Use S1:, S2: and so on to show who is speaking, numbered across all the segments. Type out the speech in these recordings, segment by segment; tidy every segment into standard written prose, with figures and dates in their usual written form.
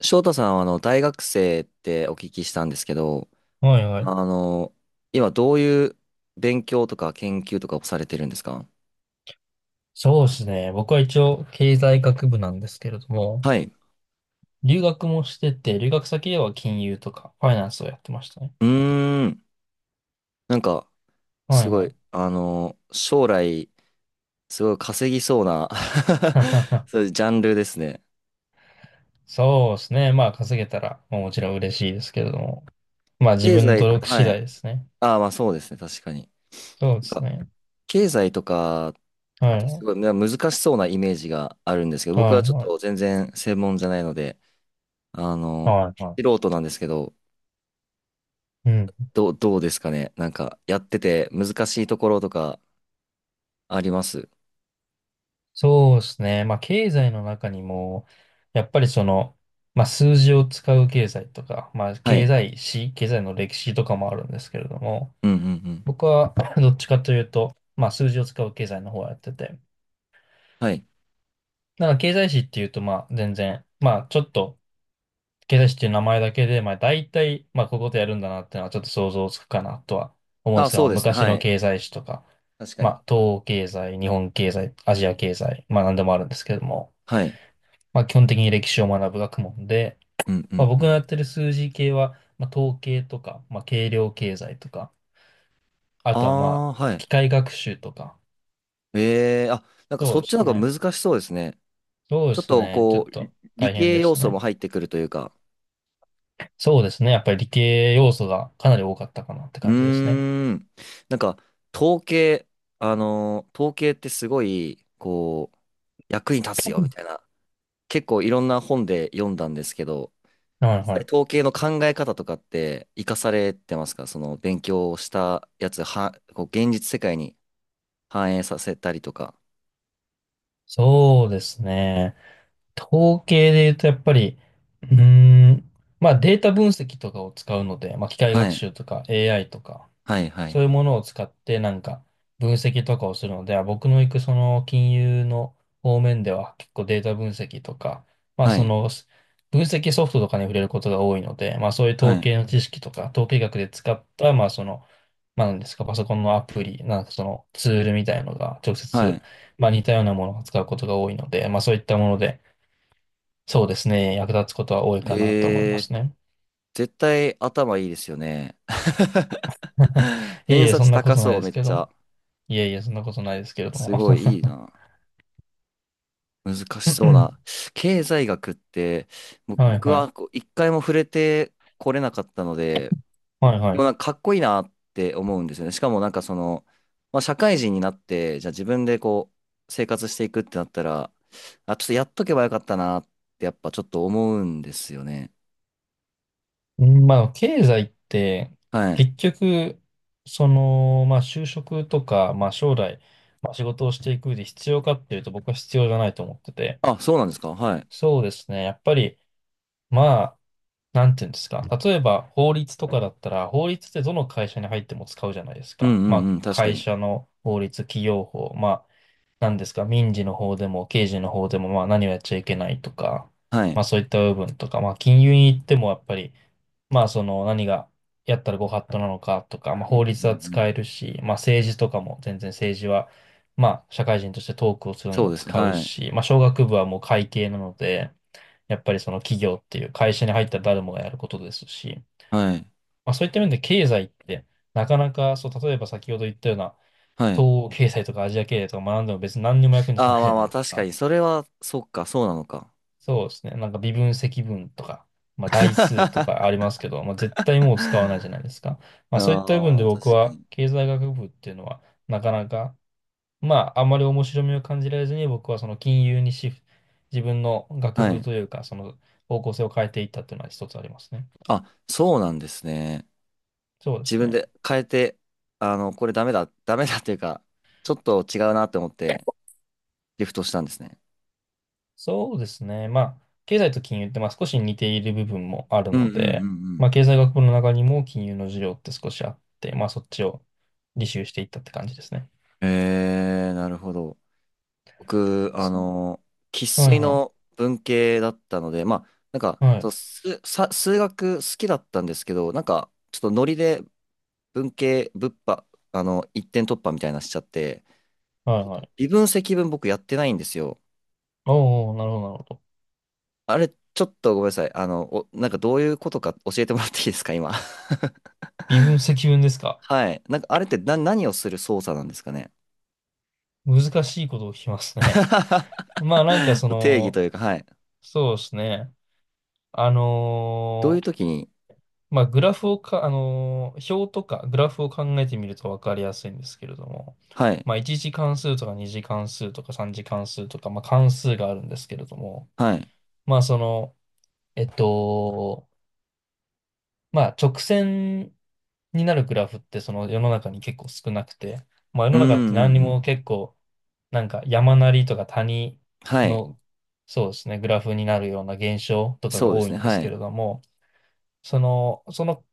S1: 翔太さんは大学生ってお聞きしたんですけど、
S2: はいは
S1: あ
S2: い。
S1: の、今どういう勉強とか研究とかをされてるんですか？
S2: そうですね。僕は一応経済学部なんですけれども、
S1: はい。
S2: 留学もしてて、留学先では金融とかファイナンスをやってましたね。
S1: うーん。なんか、
S2: は
S1: す
S2: い
S1: ご
S2: はい。
S1: い、将来、すごい稼ぎそうな そう いうジャンルですね。
S2: そうですね。まあ稼げたら、まあもちろん嬉しいですけれども、まあ自
S1: 経
S2: 分の努
S1: 済、
S2: 力次
S1: は
S2: 第
S1: い。
S2: ですね。
S1: ああ、まあそうですね、確かに。
S2: そうで
S1: なん
S2: す
S1: か、
S2: ね。
S1: 経済とかっ
S2: はい
S1: てす
S2: は
S1: ごいね難しそうなイメージがあるんですけど、
S2: い
S1: 僕は
S2: は
S1: ちょっと
S2: い
S1: 全然専門じゃないので、あの、
S2: はいは
S1: 素人なんですけど、
S2: い。うん。
S1: どうですかね。なんか、やってて難しいところとかあります？
S2: そうですね。まあ経済の中にも、やっぱりその、まあ数字を使う経済とか、まあ
S1: は
S2: 経
S1: い。
S2: 済史、経済の歴史とかもあるんですけれども、
S1: うんうんうん。
S2: 僕は どっちかというと、まあ数字を使う経済の方をやってて、
S1: はい。
S2: なんか経済史っていうとまあ全然、まあちょっと経済史っていう名前だけで、まあ大体、まあこういうことやるんだなっていうのはちょっと想像つくかなとは思うんで
S1: あ、
S2: すけ
S1: そ
S2: ど、
S1: うですね。
S2: 昔
S1: は
S2: の
S1: い。
S2: 経済史とか、
S1: 確か
S2: ま
S1: に。
S2: あ東欧経済、日本経済、アジア経済、まあ何でもあるんですけれども、
S1: はい。
S2: まあ基本的に歴史を学ぶ学問で、
S1: うんう
S2: まあ
S1: んう
S2: 僕のや
S1: ん。
S2: ってる数字系は、まあ統計とか、まあ計量経済とか、あ
S1: あ
S2: とはまあ
S1: あ、はい。
S2: 機械学習とか、
S1: ええあ、なんか
S2: そう
S1: そ
S2: で
S1: っち
S2: す
S1: の方
S2: ね。
S1: が難しそうですね。
S2: そうで
S1: ちょっ
S2: す
S1: と
S2: ね。ちょっ
S1: こう、
S2: と
S1: 理
S2: 大変
S1: 系
S2: でし
S1: 要
S2: た
S1: 素も
S2: ね。
S1: 入ってくるというか。
S2: そうですね。やっぱり理系要素がかなり多かったかなって
S1: うー
S2: 感じですね。
S1: ん。なんか、統計、あのー統計ってすごい、こう、役に立つよみたいな、結構いろんな本で読んだんですけど、
S2: はい
S1: 実
S2: は
S1: 際
S2: い。
S1: 統計の考え方とかって活かされてますか？その勉強したやつは、こう現実世界に反映させたりとか。
S2: そうですね。統計で言うとやっぱり、うーん、まあデータ分析とかを使うので、まあ機械
S1: は
S2: 学
S1: い。
S2: 習とか AI とか、
S1: はい、はい、
S2: そういう
S1: はい。
S2: ものを使ってなんか分析とかをするので、あ僕の行くその金融の方面では結構データ分析とか、まあ
S1: は
S2: そ
S1: い、
S2: のす分析ソフトとかに触れることが多いので、まあそういう
S1: は
S2: 統
S1: い、
S2: 計の知識とか、統計学で使った、まあその、まあ何ですか、パソコンのアプリ、なんかそのツールみたいのが直
S1: は
S2: 接、
S1: い。
S2: まあ似たようなものを使うことが多いので、まあそういったもので、そうですね、役立つことは多いかなと思いま
S1: えー、
S2: すね。
S1: 絶対頭いいですよね。
S2: いえい
S1: 偏
S2: え、
S1: 差
S2: そん
S1: 値
S2: なこ
S1: 高
S2: とない
S1: そう、
S2: で
S1: め
S2: す
S1: っ
S2: け
S1: ち
S2: ど、
S1: ゃ。
S2: いえいえ、そんなことないですけれども。
S1: すごいいい な。難 し
S2: は
S1: そうな。経済学って、
S2: い
S1: 僕
S2: はい。
S1: はこう一回も触れてこれなかったので、
S2: はい
S1: で
S2: は
S1: もなんかかっこいいなって思うんですよね。しかもなんかまあ、社会人になって、じゃあ自分でこう生活していくってなったら、あ、ちょっとやっとけばよかったなってやっぱちょっと思うんですよね。
S2: い。まあ、経済って、
S1: はい。
S2: 結局、その、まあ、就職とか、まあ、将来、まあ、仕事をしていく上で必要かっていうと、僕は必要じゃないと思ってて。
S1: あ、そうなんですか。はい。
S2: そうですね。やっぱり、まあ、なんていうんですか。例えば、法律とかだったら、法律ってどの会社に入っても使うじゃないです
S1: う
S2: か。
S1: んう
S2: ま
S1: ん
S2: あ、
S1: うん。確か
S2: 会
S1: に。
S2: 社の法律、企業法、まあ、なんですか、民事の方でも刑事の方でも、まあ何をやっちゃいけないとか、
S1: はい。
S2: まあそういった部分とか、まあ金融に行ってもやっぱり、まあその何がやったらご法度なのかとか、まあ
S1: うんう
S2: 法律は
S1: んうん。
S2: 使えるし、まあ政治とかも全然政治は、まあ社会人としてトークをするのに
S1: そう
S2: も
S1: ですね。
S2: 使う
S1: はい。
S2: し、まあ商学部はもう会計なので、やっぱりその企業っていう会社に入ったら誰もがやることですし、
S1: はい。
S2: まあそういった面で経済ってなかなか、そう、例えば先ほど言ったような
S1: はい。
S2: 東欧経済とかアジア経済とか学んでも別に何にも役に立た
S1: あ
S2: な
S1: あ、
S2: い
S1: ま
S2: じゃ
S1: あま
S2: ない
S1: あ、
S2: です
S1: 確か
S2: か。
S1: に。それは、そっか、そうなのか。
S2: そうですね。なんか微分積分とか、まあ代数とかあり
S1: あ
S2: ますけど、まあ絶対もう使わないじゃないですか。まあそういった部分で
S1: あ、確
S2: 僕
S1: か
S2: は
S1: に。
S2: 経済学部っていうのはなかなか、まああんまり面白みを感じられずに僕はその金融にシフト、自分の学
S1: は
S2: 部
S1: い。
S2: というかその方向性を変えていったっていうのは一つありますね。
S1: あ、そうなんですね。
S2: そうで
S1: 自
S2: す
S1: 分
S2: ね。
S1: で変えて、これダメだ、ダメだっていうか、ちょっと違うなって思ってリフトしたんですね。
S2: そうですね。まあ経済と金融ってまあ少し似ている部分もある
S1: うんうん
S2: ので、
S1: うん
S2: まあ経済学部の中にも金融の授業って少しあって、まあそっちを履修していったって感じですね。
S1: うん。なるほど。僕、生
S2: はい
S1: 粋
S2: は
S1: の
S2: い。
S1: 文系だったので、まあ、なんか、
S2: はい。
S1: 数学好きだったんですけど、なんか、ちょっとノリで文系、物破、あの、一点突破みたいなのしちゃって、
S2: はいはい。
S1: 微分積分僕やってないんですよ。
S2: おーおー、なるほど、なるほど。
S1: あれ、ちょっとごめんなさい。なんかどういうことか教えてもらっていいですか、今？
S2: 微分、積分ですか。
S1: はい。なんか、あれって何をする操作なんですかね。
S2: 難しいことを聞きますね。まあなんかそ
S1: 定義と
S2: の、
S1: いうか、はい。
S2: そうですね。あ
S1: どういう
S2: のー
S1: 時に、
S2: まあグラフをか、表とかグラフを考えてみるとわかりやすいんですけれども、
S1: はい、
S2: まあ1次関数とか2次関数とか3次関数とか、まあ関数があるんですけれども、
S1: はい。
S2: まあその、えっと、まあ直線になるグラフってその世の中に結構少なくて、まあ世
S1: う
S2: の
S1: ん
S2: 中って
S1: うん
S2: 何に
S1: うん。
S2: も結構なんか山なりとか谷
S1: はい。
S2: の、そうですね、グラフになるような現象とかが
S1: そうで
S2: 多
S1: す
S2: いん
S1: ね。
S2: です
S1: は
S2: け
S1: い。
S2: れども、その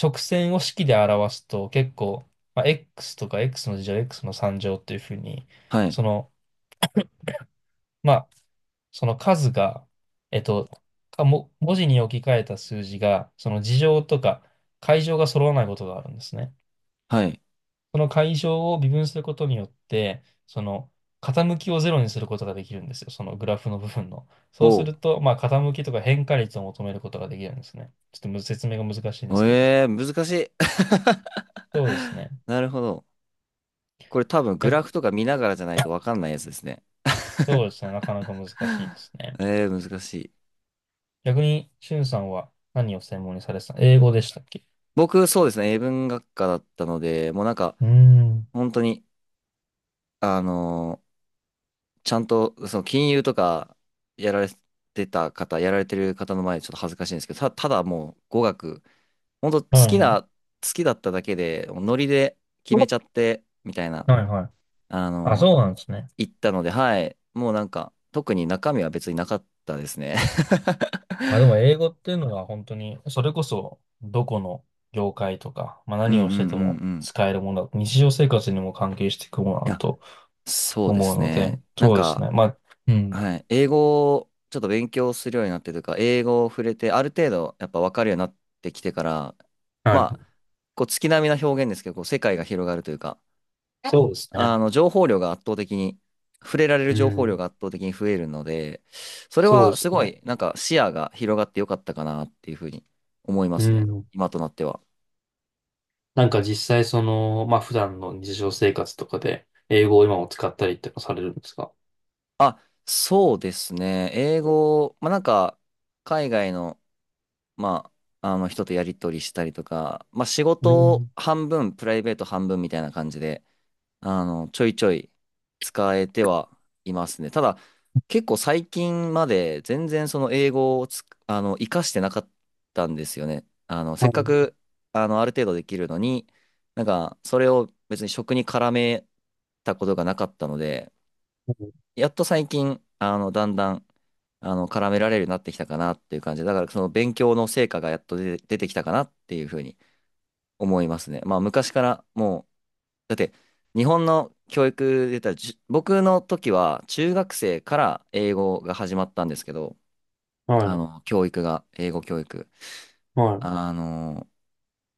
S2: 直線を式で表すと結構、まあ、x とか x の二乗、x の三乗っていうふうに、
S1: はい。
S2: その、まあ、その数が、えっと、文字に置き換えた数字が、その二乗とか階乗が揃わないことがあるんですね。
S1: はい。
S2: その解消を微分することによって、その傾きをゼロにすることができるんですよ。そのグラフの部分の。そうす
S1: お
S2: ると、まあ、傾きとか変化率を求めることができるんですね。ちょっと説明が難しいんです
S1: う。
S2: けれど。
S1: ええー難しい。
S2: そうですね。
S1: なるほど。これ多分グ
S2: 逆
S1: ラフとか見ながらじゃないとわかんないやつですね。
S2: そうですね。なかなか難しいですね。
S1: ええー難しい。
S2: 逆に、しゅんさんは何を専門にされてた？英語でしたっけ？
S1: 僕、そうですね。英文学科だったので、もうなんか、
S2: うーん。
S1: 本当に、あのーちゃんと、その金融とかやられてた方、やられてる方の前でちょっと恥ずかしいんですけど、ただもう語学、本当好
S2: はい
S1: き
S2: は
S1: な、
S2: い。
S1: 好きだっただけで、もうノリで決めちゃって、みたいな、
S2: はいはい。
S1: あ
S2: あ、
S1: の、
S2: そうなんですね。
S1: 言ったので、はい、もうなんか、特に中身は別になかったですね。
S2: まあでも英語っていうのは本当に、それこそどこの業界とか、まあ
S1: うんう
S2: 何
S1: ん
S2: を
S1: うん
S2: してても
S1: うん。
S2: 使えるものだと、日常生活にも関係していくもの
S1: い
S2: だ
S1: や、
S2: と
S1: そうで
S2: 思う
S1: す
S2: ので、
S1: ね。なん
S2: そうです
S1: か、
S2: ね。まあ、うん。
S1: はい。英語をちょっと勉強するようになってというか、英語を触れて、ある程度やっぱ分かるようになってきてから、まあ、
S2: は
S1: こう月並みな表現ですけど、こう世界が広がるというか、
S2: い。そうですね。
S1: 情報量が圧倒的に、触れられる
S2: う
S1: 情報量
S2: ん。
S1: が圧倒的に増えるので、それ
S2: そうで
S1: はす
S2: す
S1: ご
S2: ね。
S1: い、なんか視野が広がってよかったかなっていうふうに思いま
S2: う
S1: すね。
S2: ん。
S1: 今となっては。
S2: なんか実際その、まあ普段の日常生活とかで英語を今も使ったりってのされるんですか？
S1: あ、そうですね。英語、まあなんか、海外のまあの人とやり取りしたりとか、まあ仕
S2: う
S1: 事
S2: ん。
S1: 半分、プライベート半分みたいな感じで、ちょいちょい使えてはいますね。ただ、結構最近まで全然その英語をつ、あの、活かしてなかったんですよね。せ
S2: は
S1: っか
S2: い。
S1: く、ある程度できるのに、なんか、それを別に職に絡めたことがなかったので、
S2: はい。
S1: やっと最近、だんだん、絡められるようになってきたかなっていう感じで、だからその勉強の成果がやっと出てきたかなっていうふうに思いますね。まあ、昔からもう、だって、日本の教育で言ったら、僕の時は中学生から英語が始まったんですけど、
S2: はい。
S1: 教育が、英語教育。
S2: はい、
S1: あの、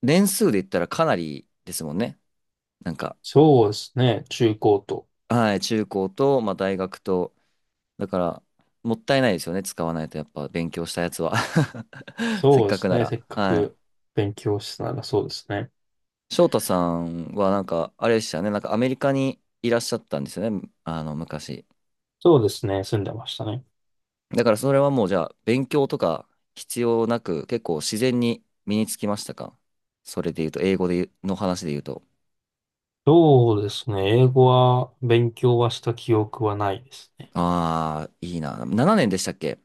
S1: 年数で言ったらかなりですもんね。なんか、
S2: そうですね。中高と。
S1: はい、中高と、まあ、大学と、だから、もったいないですよね。使わないとやっぱ勉強したやつは せ
S2: そ
S1: っ
S2: うで
S1: かく
S2: す
S1: な
S2: ね。せ
S1: ら。
S2: っか
S1: はい。
S2: く勉強したなら、そうですね。
S1: 翔太さんはなんか、あれでしたよね。なんかアメリカにいらっしゃったんですよね。昔。
S2: そうですね、住んでましたね。
S1: だからそれはもうじゃあ、勉強とか必要なく、結構自然に身につきましたか？それで言うと、英語で言うの話で言うと。
S2: そうですね、英語は勉強はした記憶はないですね。
S1: ああ、いいな。7年でしたっけ？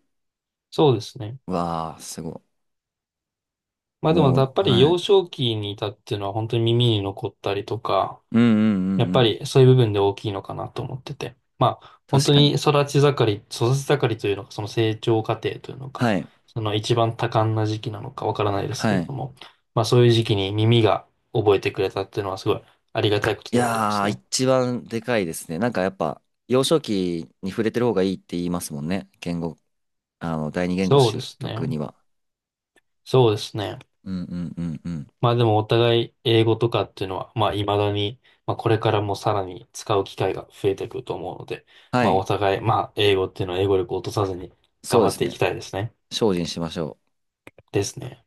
S2: そうですね。
S1: わあ、すご
S2: ま
S1: い。
S2: あでも
S1: も
S2: や
S1: う、
S2: っぱり
S1: は
S2: 幼
S1: い。
S2: 少期にいたっていうのは本当に耳に残ったりとか、
S1: うんうんう
S2: やっ
S1: んう
S2: ぱ
S1: ん。
S2: りそういう部分で大きいのかなと思ってて。まあ本
S1: 確
S2: 当
S1: か
S2: に
S1: に。
S2: 育ち盛り、育ち盛りというのか、その成長過程というのか、
S1: はい。
S2: その一番多感な時期なのかわからないですけ
S1: は
S2: れど
S1: い。
S2: も、まあそういう時期に耳が覚えてくれたっていうのはすごいありがたいこと
S1: い
S2: ではありま
S1: や
S2: す
S1: ー、
S2: ね。
S1: 一番でかいですね。なんかやっぱ、幼少期に触れてる方がいいって言いますもんね。言語、第二言語
S2: そうで
S1: 習
S2: す
S1: 得に
S2: ね。
S1: は。
S2: そうですね。
S1: うんうんうんうん。
S2: まあでもお互い英語とかっていうのは、まあ未だに、まあこれからもさらに使う機会が増えてくると思うので、
S1: は
S2: まあお
S1: い。
S2: 互い、まあ英語っていうのは英語力を落とさずに
S1: そ
S2: 頑
S1: うで
S2: 張っ
S1: す
S2: ていき
S1: ね。
S2: たいですね。
S1: 精進しましょう。
S2: ですね。